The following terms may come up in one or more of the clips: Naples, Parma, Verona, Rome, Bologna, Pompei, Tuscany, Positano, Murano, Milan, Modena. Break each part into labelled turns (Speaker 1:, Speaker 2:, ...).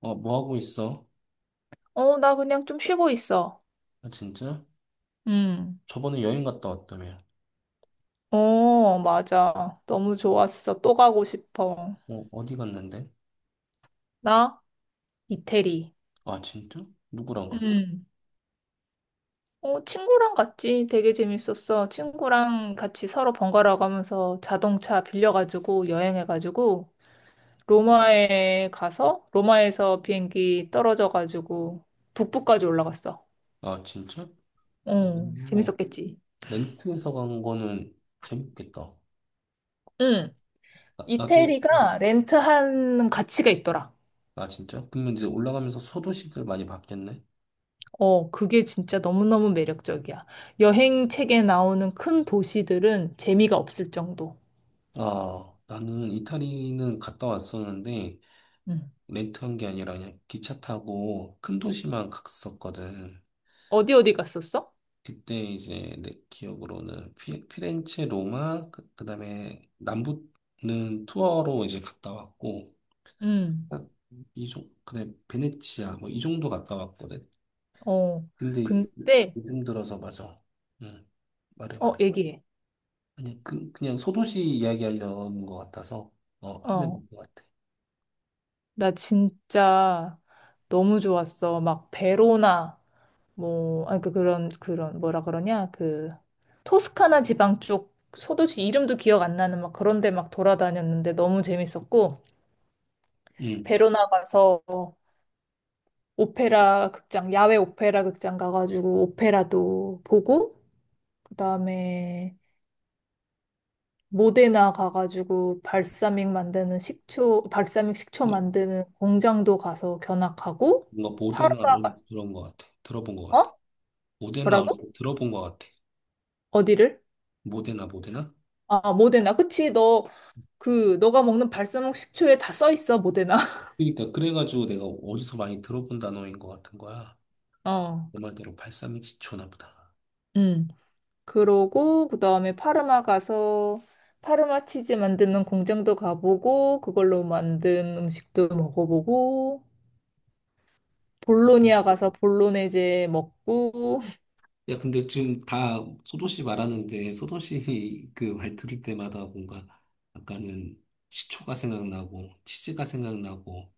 Speaker 1: 어, 뭐 하고 있어?
Speaker 2: 어, 나 그냥 좀 쉬고 있어.
Speaker 1: 아, 진짜?
Speaker 2: 음.
Speaker 1: 저번에 여행 갔다 왔다며.
Speaker 2: 어, 맞아. 너무 좋았어. 또 가고 싶어.
Speaker 1: 어, 어디 갔는데?
Speaker 2: 나? 이태리.
Speaker 1: 아, 진짜? 누구랑 갔어?
Speaker 2: 음. 어, 친구랑 갔지. 되게 재밌었어. 친구랑 같이 서로 번갈아 가면서 자동차 빌려가지고 여행해가지고 로마에 가서 로마에서 비행기 떨어져가지고 북부까지 올라갔어.
Speaker 1: 아, 진짜? 어,
Speaker 2: 어,
Speaker 1: 어,
Speaker 2: 재밌었겠지.
Speaker 1: 렌트해서 간 거는 재밌겠다.
Speaker 2: 음.
Speaker 1: 나도,
Speaker 2: 이태리가 렌트하는 가치가 있더라.
Speaker 1: 아, 진짜? 그러면 이제 올라가면서 소도시들 많이 봤겠네?
Speaker 2: 어, 그게 진짜 너무너무 매력적이야. 여행 책에 나오는 큰 도시들은 재미가 없을 정도.
Speaker 1: 아, 나는 이탈리는 갔다 왔었는데,
Speaker 2: 음.
Speaker 1: 렌트한 게 아니라 그냥 기차 타고 큰 도시만 갔었거든.
Speaker 2: 어디 어디 갔었어?
Speaker 1: 그때 이제 내 기억으로는 피렌체, 로마, 그다음에 남부는 투어로 이제 갔다 왔고
Speaker 2: 응.
Speaker 1: 딱이 정, 그다음에 베네치아 뭐 이 정도 갔다 왔거든.
Speaker 2: 어,
Speaker 1: 근데 요-
Speaker 2: 근데,
Speaker 1: 요즘 들어서 맞아. 응. 말해
Speaker 2: 어,
Speaker 1: 말해.
Speaker 2: 얘기해.
Speaker 1: 그냥 소도시 이야기하려는 것 같아서 어 하면
Speaker 2: 어,
Speaker 1: 될 것 같아.
Speaker 2: 나 진짜 너무 좋았어. 막 베로나, 뭐, 아, 그, 그런, 그런, 뭐라 그러냐, 그, 토스카나 지방 쪽, 소도시 이름도 기억 안 나는 막 그런 데 막 돌아다녔는데 너무 재밌었고,
Speaker 1: 응.
Speaker 2: 베로나 가서 오페라 극장, 야외 오페라 극장 가가지고 오페라도 보고, 그다음에 모데나 가가지고 발사믹 만드는 식초, 발사믹 식초
Speaker 1: 너-
Speaker 2: 만드는 공장도 가서 견학하고,
Speaker 1: 뭔가 모데나
Speaker 2: 파르마
Speaker 1: 어디서
Speaker 2: 가,
Speaker 1: 들어온 것 같아. 들어본 것 같아.
Speaker 2: 어?
Speaker 1: 모데나 어디서
Speaker 2: 뭐라고?
Speaker 1: 들어본 것 같아.
Speaker 2: 어디를?
Speaker 1: 모데나 모데나?
Speaker 2: 아, 모데나. 그치, 너, 그, 너가 먹는 발사믹 식초에 다 써 있어, 모데나.
Speaker 1: 그러니까 그래가지고 내가 어디서 많이 들어본 단어인 것 같은 거야.
Speaker 2: 어,
Speaker 1: 그 말대로 팔삼이시초나 보다.
Speaker 2: 음. 그러고 그다음에 파르마 가서 파르마 치즈 만드는 공장도 가보고 그걸로 만든 음식도 먹어보고
Speaker 1: 어, 좀-
Speaker 2: 볼로니아 가서 볼로네제 먹고
Speaker 1: 야, 근데 지금 다 소도 씨 말하는데 소도 씨그 말 들을 때마다 뭔가 아까는 시초가 생각나고 치즈가 생각나고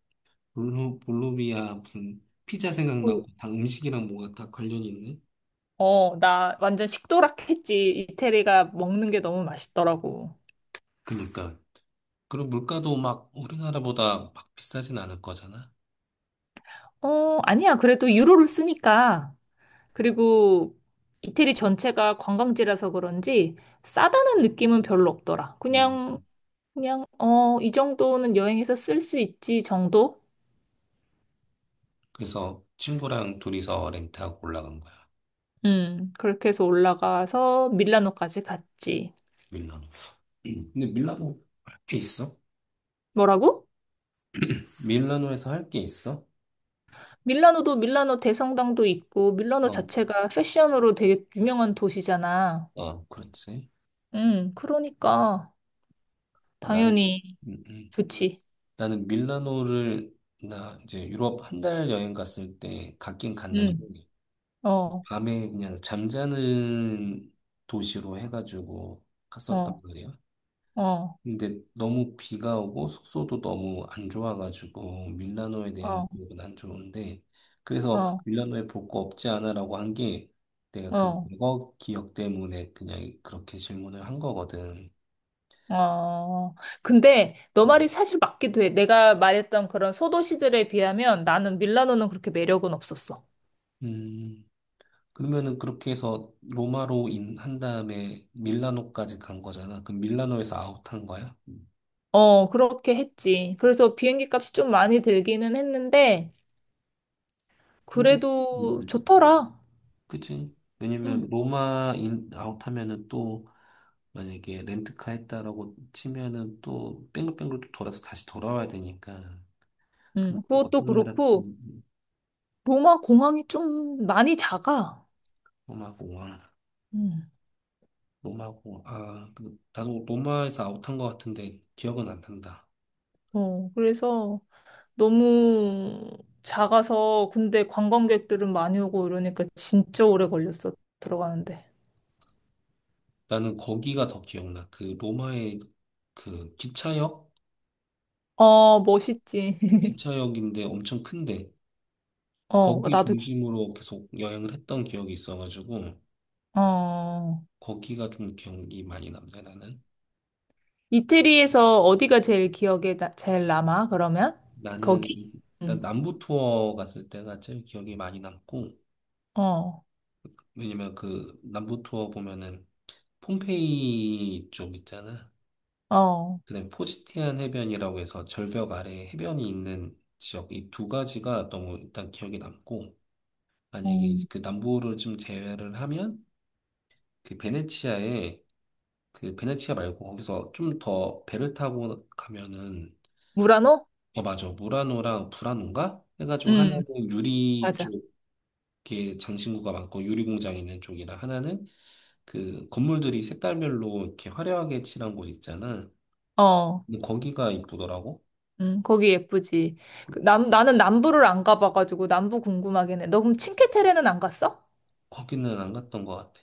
Speaker 1: 볼로비아 무슨 피자
Speaker 2: 어,
Speaker 1: 생각나고 다 음식이랑 뭐가 다 관련이 있네.
Speaker 2: 어, 나 완전 식도락했지. 이태리가 먹는 게 너무 맛있더라고.
Speaker 1: 그니까. 그리고 물가도 막 우리나라보다 막 비싸진 않을 거잖아.
Speaker 2: 어, 아니야. 그래도 유로를 쓰니까. 그리고 이태리 전체가 관광지라서 그런지 싸다는 느낌은 별로 없더라.
Speaker 1: 음.
Speaker 2: 그냥, 그냥, 어, 이 정도는 여행에서 쓸 수 있지 정도?
Speaker 1: 그래서 친구랑 둘이서 렌트하고 올라간 거야.
Speaker 2: 그렇게 해서 올라가서 밀라노까지 갔지.
Speaker 1: 밀라노. 근데 밀라노 할게 있어?
Speaker 2: 뭐라고?
Speaker 1: 밀라노에서 할게 있어?
Speaker 2: 밀라노도 밀라노 대성당도 있고, 밀라노
Speaker 1: 어,
Speaker 2: 자체가 패션으로 되게 유명한 도시잖아.
Speaker 1: 어, 그렇지.
Speaker 2: 그러니까,
Speaker 1: 어, 나는,
Speaker 2: 당연히
Speaker 1: 음, 음.
Speaker 2: 좋지.
Speaker 1: 나는 밀라노를, 나 이제 유럽 한 달 여행 갔을 때 갔긴 갔는데,
Speaker 2: 음, 어,
Speaker 1: 밤에 그냥 잠자는 도시로 해가지고 갔었단
Speaker 2: 어,
Speaker 1: 말이야.
Speaker 2: 어,
Speaker 1: 근데 너무 비가 오고 숙소도 너무 안 좋아가지고 밀라노에
Speaker 2: 어,
Speaker 1: 대한 기억은 안 좋은데 그래서
Speaker 2: 어,
Speaker 1: 밀라노에 볼 거 없지 않아라고 한 게 내가 그
Speaker 2: 어.
Speaker 1: 과거 기억 때문에 그냥 그렇게 질문을 한 거거든.
Speaker 2: 어, 근데 너
Speaker 1: 어.
Speaker 2: 말이 사실 맞기도 해. 내가 말했던 그런 소도시들에 비하면 나는 밀라노는 그렇게 매력은 없었어.
Speaker 1: 음 그러면은 그렇게 해서 로마로 인한 다음에 밀라노까지 간 거잖아. 그럼 밀라노에서 아웃한 거야? 음.
Speaker 2: 어, 그렇게 했지. 그래서 비행기 값이 좀 많이 들기는 했는데,
Speaker 1: 근데 음,
Speaker 2: 그래도
Speaker 1: 음.
Speaker 2: 좋더라.
Speaker 1: 그치?
Speaker 2: 응,
Speaker 1: 왜냐면 로마 인 아웃하면은 또 만약에 렌트카 했다라고 치면은 또 뺑글뺑글 또 돌아서 다시 돌아와야 되니까 그럼
Speaker 2: 응,
Speaker 1: 뭐
Speaker 2: 그것도
Speaker 1: 어떤 나라
Speaker 2: 그렇고 로마 공항이 좀 많이 작아.
Speaker 1: 로마고 와.
Speaker 2: 응.
Speaker 1: 로마고 아 그, 나도 로마에서 아웃한 것 같은데 기억은 안 난다
Speaker 2: 어, 그래서 너무 작아서 근데 관광객들은 많이 오고 이러니까 진짜 오래 걸렸어 들어가는데.
Speaker 1: 나는 거기가 더 기억나 그 로마의 그 기차역
Speaker 2: 어, 멋있지.
Speaker 1: 기차역인데 엄청 큰데
Speaker 2: 어,
Speaker 1: 거기
Speaker 2: 나도 기-
Speaker 1: 중심으로 계속 여행을 했던 기억이 있어가지고
Speaker 2: 어.
Speaker 1: 거기가 좀 기억이 많이 남네 나는
Speaker 2: 이태리에서 어디가 제일 제일 남아? 그러면 거기?
Speaker 1: 나는 일단
Speaker 2: 응.
Speaker 1: 남부 투어 갔을 때가 제일 기억이 많이 남고
Speaker 2: 어.
Speaker 1: 왜냐면 그 남부 투어 보면은 폼페이 쪽 있잖아.
Speaker 2: 어.
Speaker 1: 그다음에 포지티안 해변이라고 해서 절벽 아래 해변이 있는 지역 이 두 가지가 너무 일단 기억에 남고
Speaker 2: 어,
Speaker 1: 만약에 그 남부를 좀 제외를 하면 그 베네치아에 그 베네치아 말고 거기서 좀 더 배를 타고 가면은
Speaker 2: 무라노?
Speaker 1: 어 맞아 무라노랑 불라노인가 해가지고
Speaker 2: 응,
Speaker 1: 하나는 유리
Speaker 2: 맞아.
Speaker 1: 쪽에 장신구가 많고 유리 공장 있는 쪽이라 하나는 그 건물들이 색깔별로 이렇게 화려하게 칠한 곳 있잖아.
Speaker 2: 어.
Speaker 1: 근데 거기가 이쁘더라고.
Speaker 2: 거기 예쁘지. 그 남, 나는 남부를 안 가봐가지고 남부 궁금하긴 해. 너 그럼 칭케테레는 안 갔어?
Speaker 1: 거기는 안 갔던 것 같아.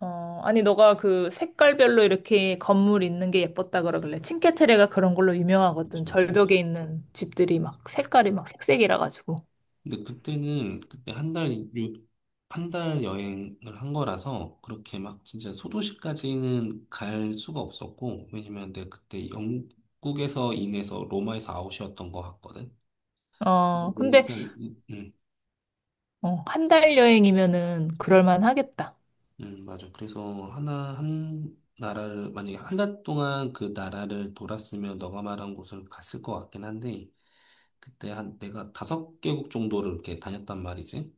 Speaker 2: 어, 아니, 너가 그 색깔별로 이렇게 건물 있는 게 예뻤다 그러길래. 칭케테레가 그런 걸로 유명하거든.
Speaker 1: 진짜.
Speaker 2: 절벽에 있는 집들이 막 색깔이 막 색색이라 가지고.
Speaker 1: 근데 그때는 그때 한 달, 한 달 여행을 한 거라서 그렇게 막 진짜 소도시까지는 갈 수가 없었고, 왜냐면 내가 그때 영국에서 인해서 로마에서 아웃이었던 것 같거든.
Speaker 2: 어, 근데,
Speaker 1: 그러니까,
Speaker 2: 어, 한 달 여행이면은 그럴만 하겠다.
Speaker 1: 맞아. 그래서 한 나라를, 만약에 한 달 동안 그 나라를 돌았으면 너가 말한 곳을 갔을 것 같긴 한데, 그때 한 내가 다섯 개국 정도를 이렇게 다녔단 말이지.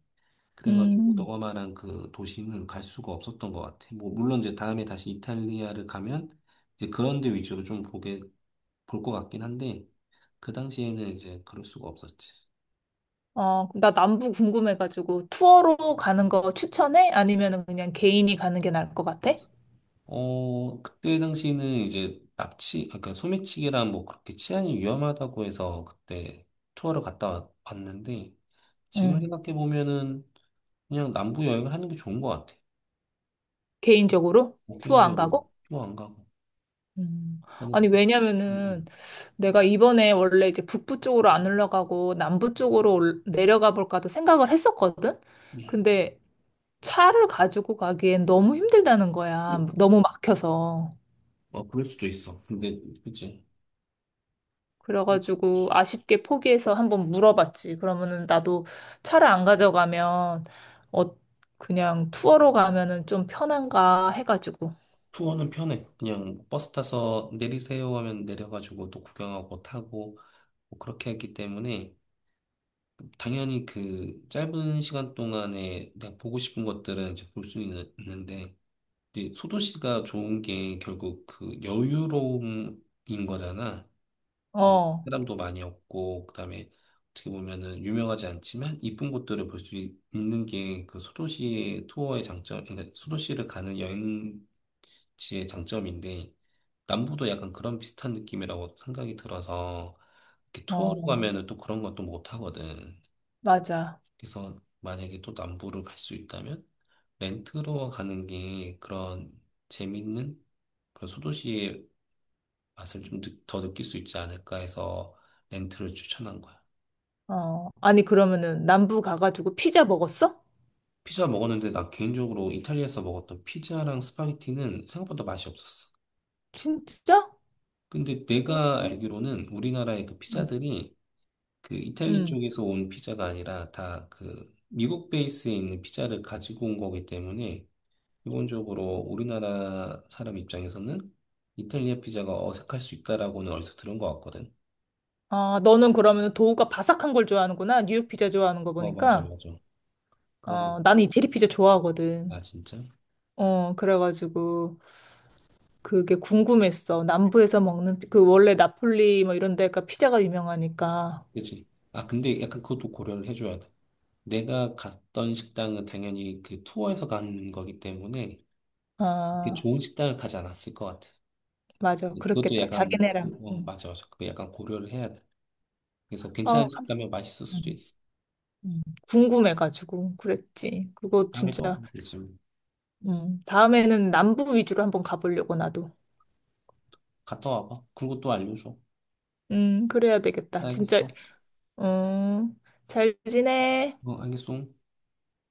Speaker 1: 그래가지고
Speaker 2: 음.
Speaker 1: 너가 말한 그 도시는 갈 수가 없었던 것 같아. 뭐, 물론 이제 다음에 다시 이탈리아를 가면 이제 그런 데 위주로 좀 보게, 볼 것 같긴 한데, 그 당시에는 이제 그럴 수가 없었지.
Speaker 2: 어, 나 남부 궁금해가지고 투어로 가는 거 추천해? 아니면은 그냥 개인이 가는 게 나을 것 같아?
Speaker 1: 어, 그때 당시에는 이제 납치, 아까 소매치기랑 뭐 그렇게 치안이 위험하다고 해서 그때 투어를 갔다 왔는데 지금
Speaker 2: 응.
Speaker 1: 생각해 보면은 그냥 남부 여행을 하는 게 좋은 것 같아.
Speaker 2: 개인적으로?
Speaker 1: 뭐
Speaker 2: 투어 안
Speaker 1: 개인적으로
Speaker 2: 가고?
Speaker 1: 투어 안 가고
Speaker 2: 음.
Speaker 1: 나는
Speaker 2: 아니,
Speaker 1: 그-
Speaker 2: 왜냐면은
Speaker 1: 음,
Speaker 2: 내가 이번에 원래 이제 북부 쪽으로 안 올라가고 남부 쪽으로 내려가 볼까도 생각을 했었거든?
Speaker 1: 음.
Speaker 2: 근데 차를 가지고 가기엔 너무 힘들다는
Speaker 1: 음.
Speaker 2: 거야. 너무 막혀서.
Speaker 1: 어, 그럴 수도 있어. 근데 그치
Speaker 2: 그래가지고 아쉽게 포기해서 한번 물어봤지. 그러면은 나도 차를 안 가져가면 어, 그냥 투어로 가면은 좀 편한가 해가지고.
Speaker 1: 투어는 편해. 그냥 버스 타서 내리세요 하면 내려가지고 또 구경하고 타고 뭐 그렇게 했기 때문에. 당연히 그 짧은 시간 동안에 내가 보고 싶은 것들은 이제 볼 수 있는데, 이제 소도시가 좋은 게 결국 그 여유로움인 거잖아. 뭐
Speaker 2: 어,
Speaker 1: 사람도 많이 없고, 그다음에 어떻게 보면은 유명하지 않지만 이쁜 곳들을 볼 수 있는 게 그 소도시의 투어의 장점, 그러니까 소도시를 가는 여행지의 장점인데, 남부도 약간 그런 비슷한 느낌이라고 생각이 들어서, 이렇게
Speaker 2: 어,
Speaker 1: 투어로 가면은 또 그런 것도 못 하거든.
Speaker 2: 맞아.
Speaker 1: 그래서 만약에 또 남부를 갈 수 있다면 렌트로 가는 게 그런 재밌는 그런 소도시의 맛을 좀 더 느낄 수 있지 않을까 해서 렌트를 추천한 거야.
Speaker 2: 어, 아니, 그러면은 남부 가가지고 피자 먹었어?
Speaker 1: 피자 먹었는데 나 개인적으로 이탈리아에서 먹었던 피자랑 스파게티는 생각보다 맛이 없었어.
Speaker 2: 진짜?
Speaker 1: 근데 내가 알기로는 우리나라의 그
Speaker 2: 음.
Speaker 1: 피자들이 그 이탈리
Speaker 2: 음.
Speaker 1: 쪽에서 온 피자가 아니라 다 그 미국 베이스에 있는 피자를 가지고 온 거기 때문에 기본적으로 우리나라 사람 입장에서는 이탈리아 피자가 어색할 수 있다라고는 어디서 들은 것 같거든.
Speaker 2: 아, 너는 그러면 도우가 바삭한 걸 좋아하는구나. 뉴욕 피자 좋아하는 거
Speaker 1: 어, 맞아,
Speaker 2: 보니까.
Speaker 1: 맞아. 그런 거.
Speaker 2: 어, 나는 이태리 피자
Speaker 1: 아,
Speaker 2: 좋아하거든.
Speaker 1: 진짜?
Speaker 2: 어, 그래가지고 그게 궁금했어. 남부에서 먹는 그 원래 나폴리 뭐 이런 데가 피자가 유명하니까.
Speaker 1: 그치? 아, 근데 약간 그것도 고려를 해줘야 돼. 내가 갔던 식당은 당연히 그 투어에서 간 거기 때문에 그
Speaker 2: 아,
Speaker 1: 좋은 식당을 가지 않았을 것 같아.
Speaker 2: 맞아.
Speaker 1: 그것도
Speaker 2: 그렇겠다.
Speaker 1: 약간,
Speaker 2: 자기네랑.
Speaker 1: 어,
Speaker 2: 음.
Speaker 1: 맞아, 맞아. 그거 약간 고려를 해야 돼. 그래서
Speaker 2: 어,
Speaker 1: 괜찮은 집 가면 맛있을 수도
Speaker 2: 음.
Speaker 1: 있어.
Speaker 2: 음. 궁금해가지고 그랬지. 그거
Speaker 1: 다음에 또
Speaker 2: 진짜
Speaker 1: 가면 되지.
Speaker 2: 다음에는 남부 위주로 한번 가보려고 나도.
Speaker 1: 갔다 와봐. 그리고 또 알려줘.
Speaker 2: 그래야 되겠다. 진짜
Speaker 1: 알겠어.
Speaker 2: 음, 잘 지내?
Speaker 1: 어, 알겠어.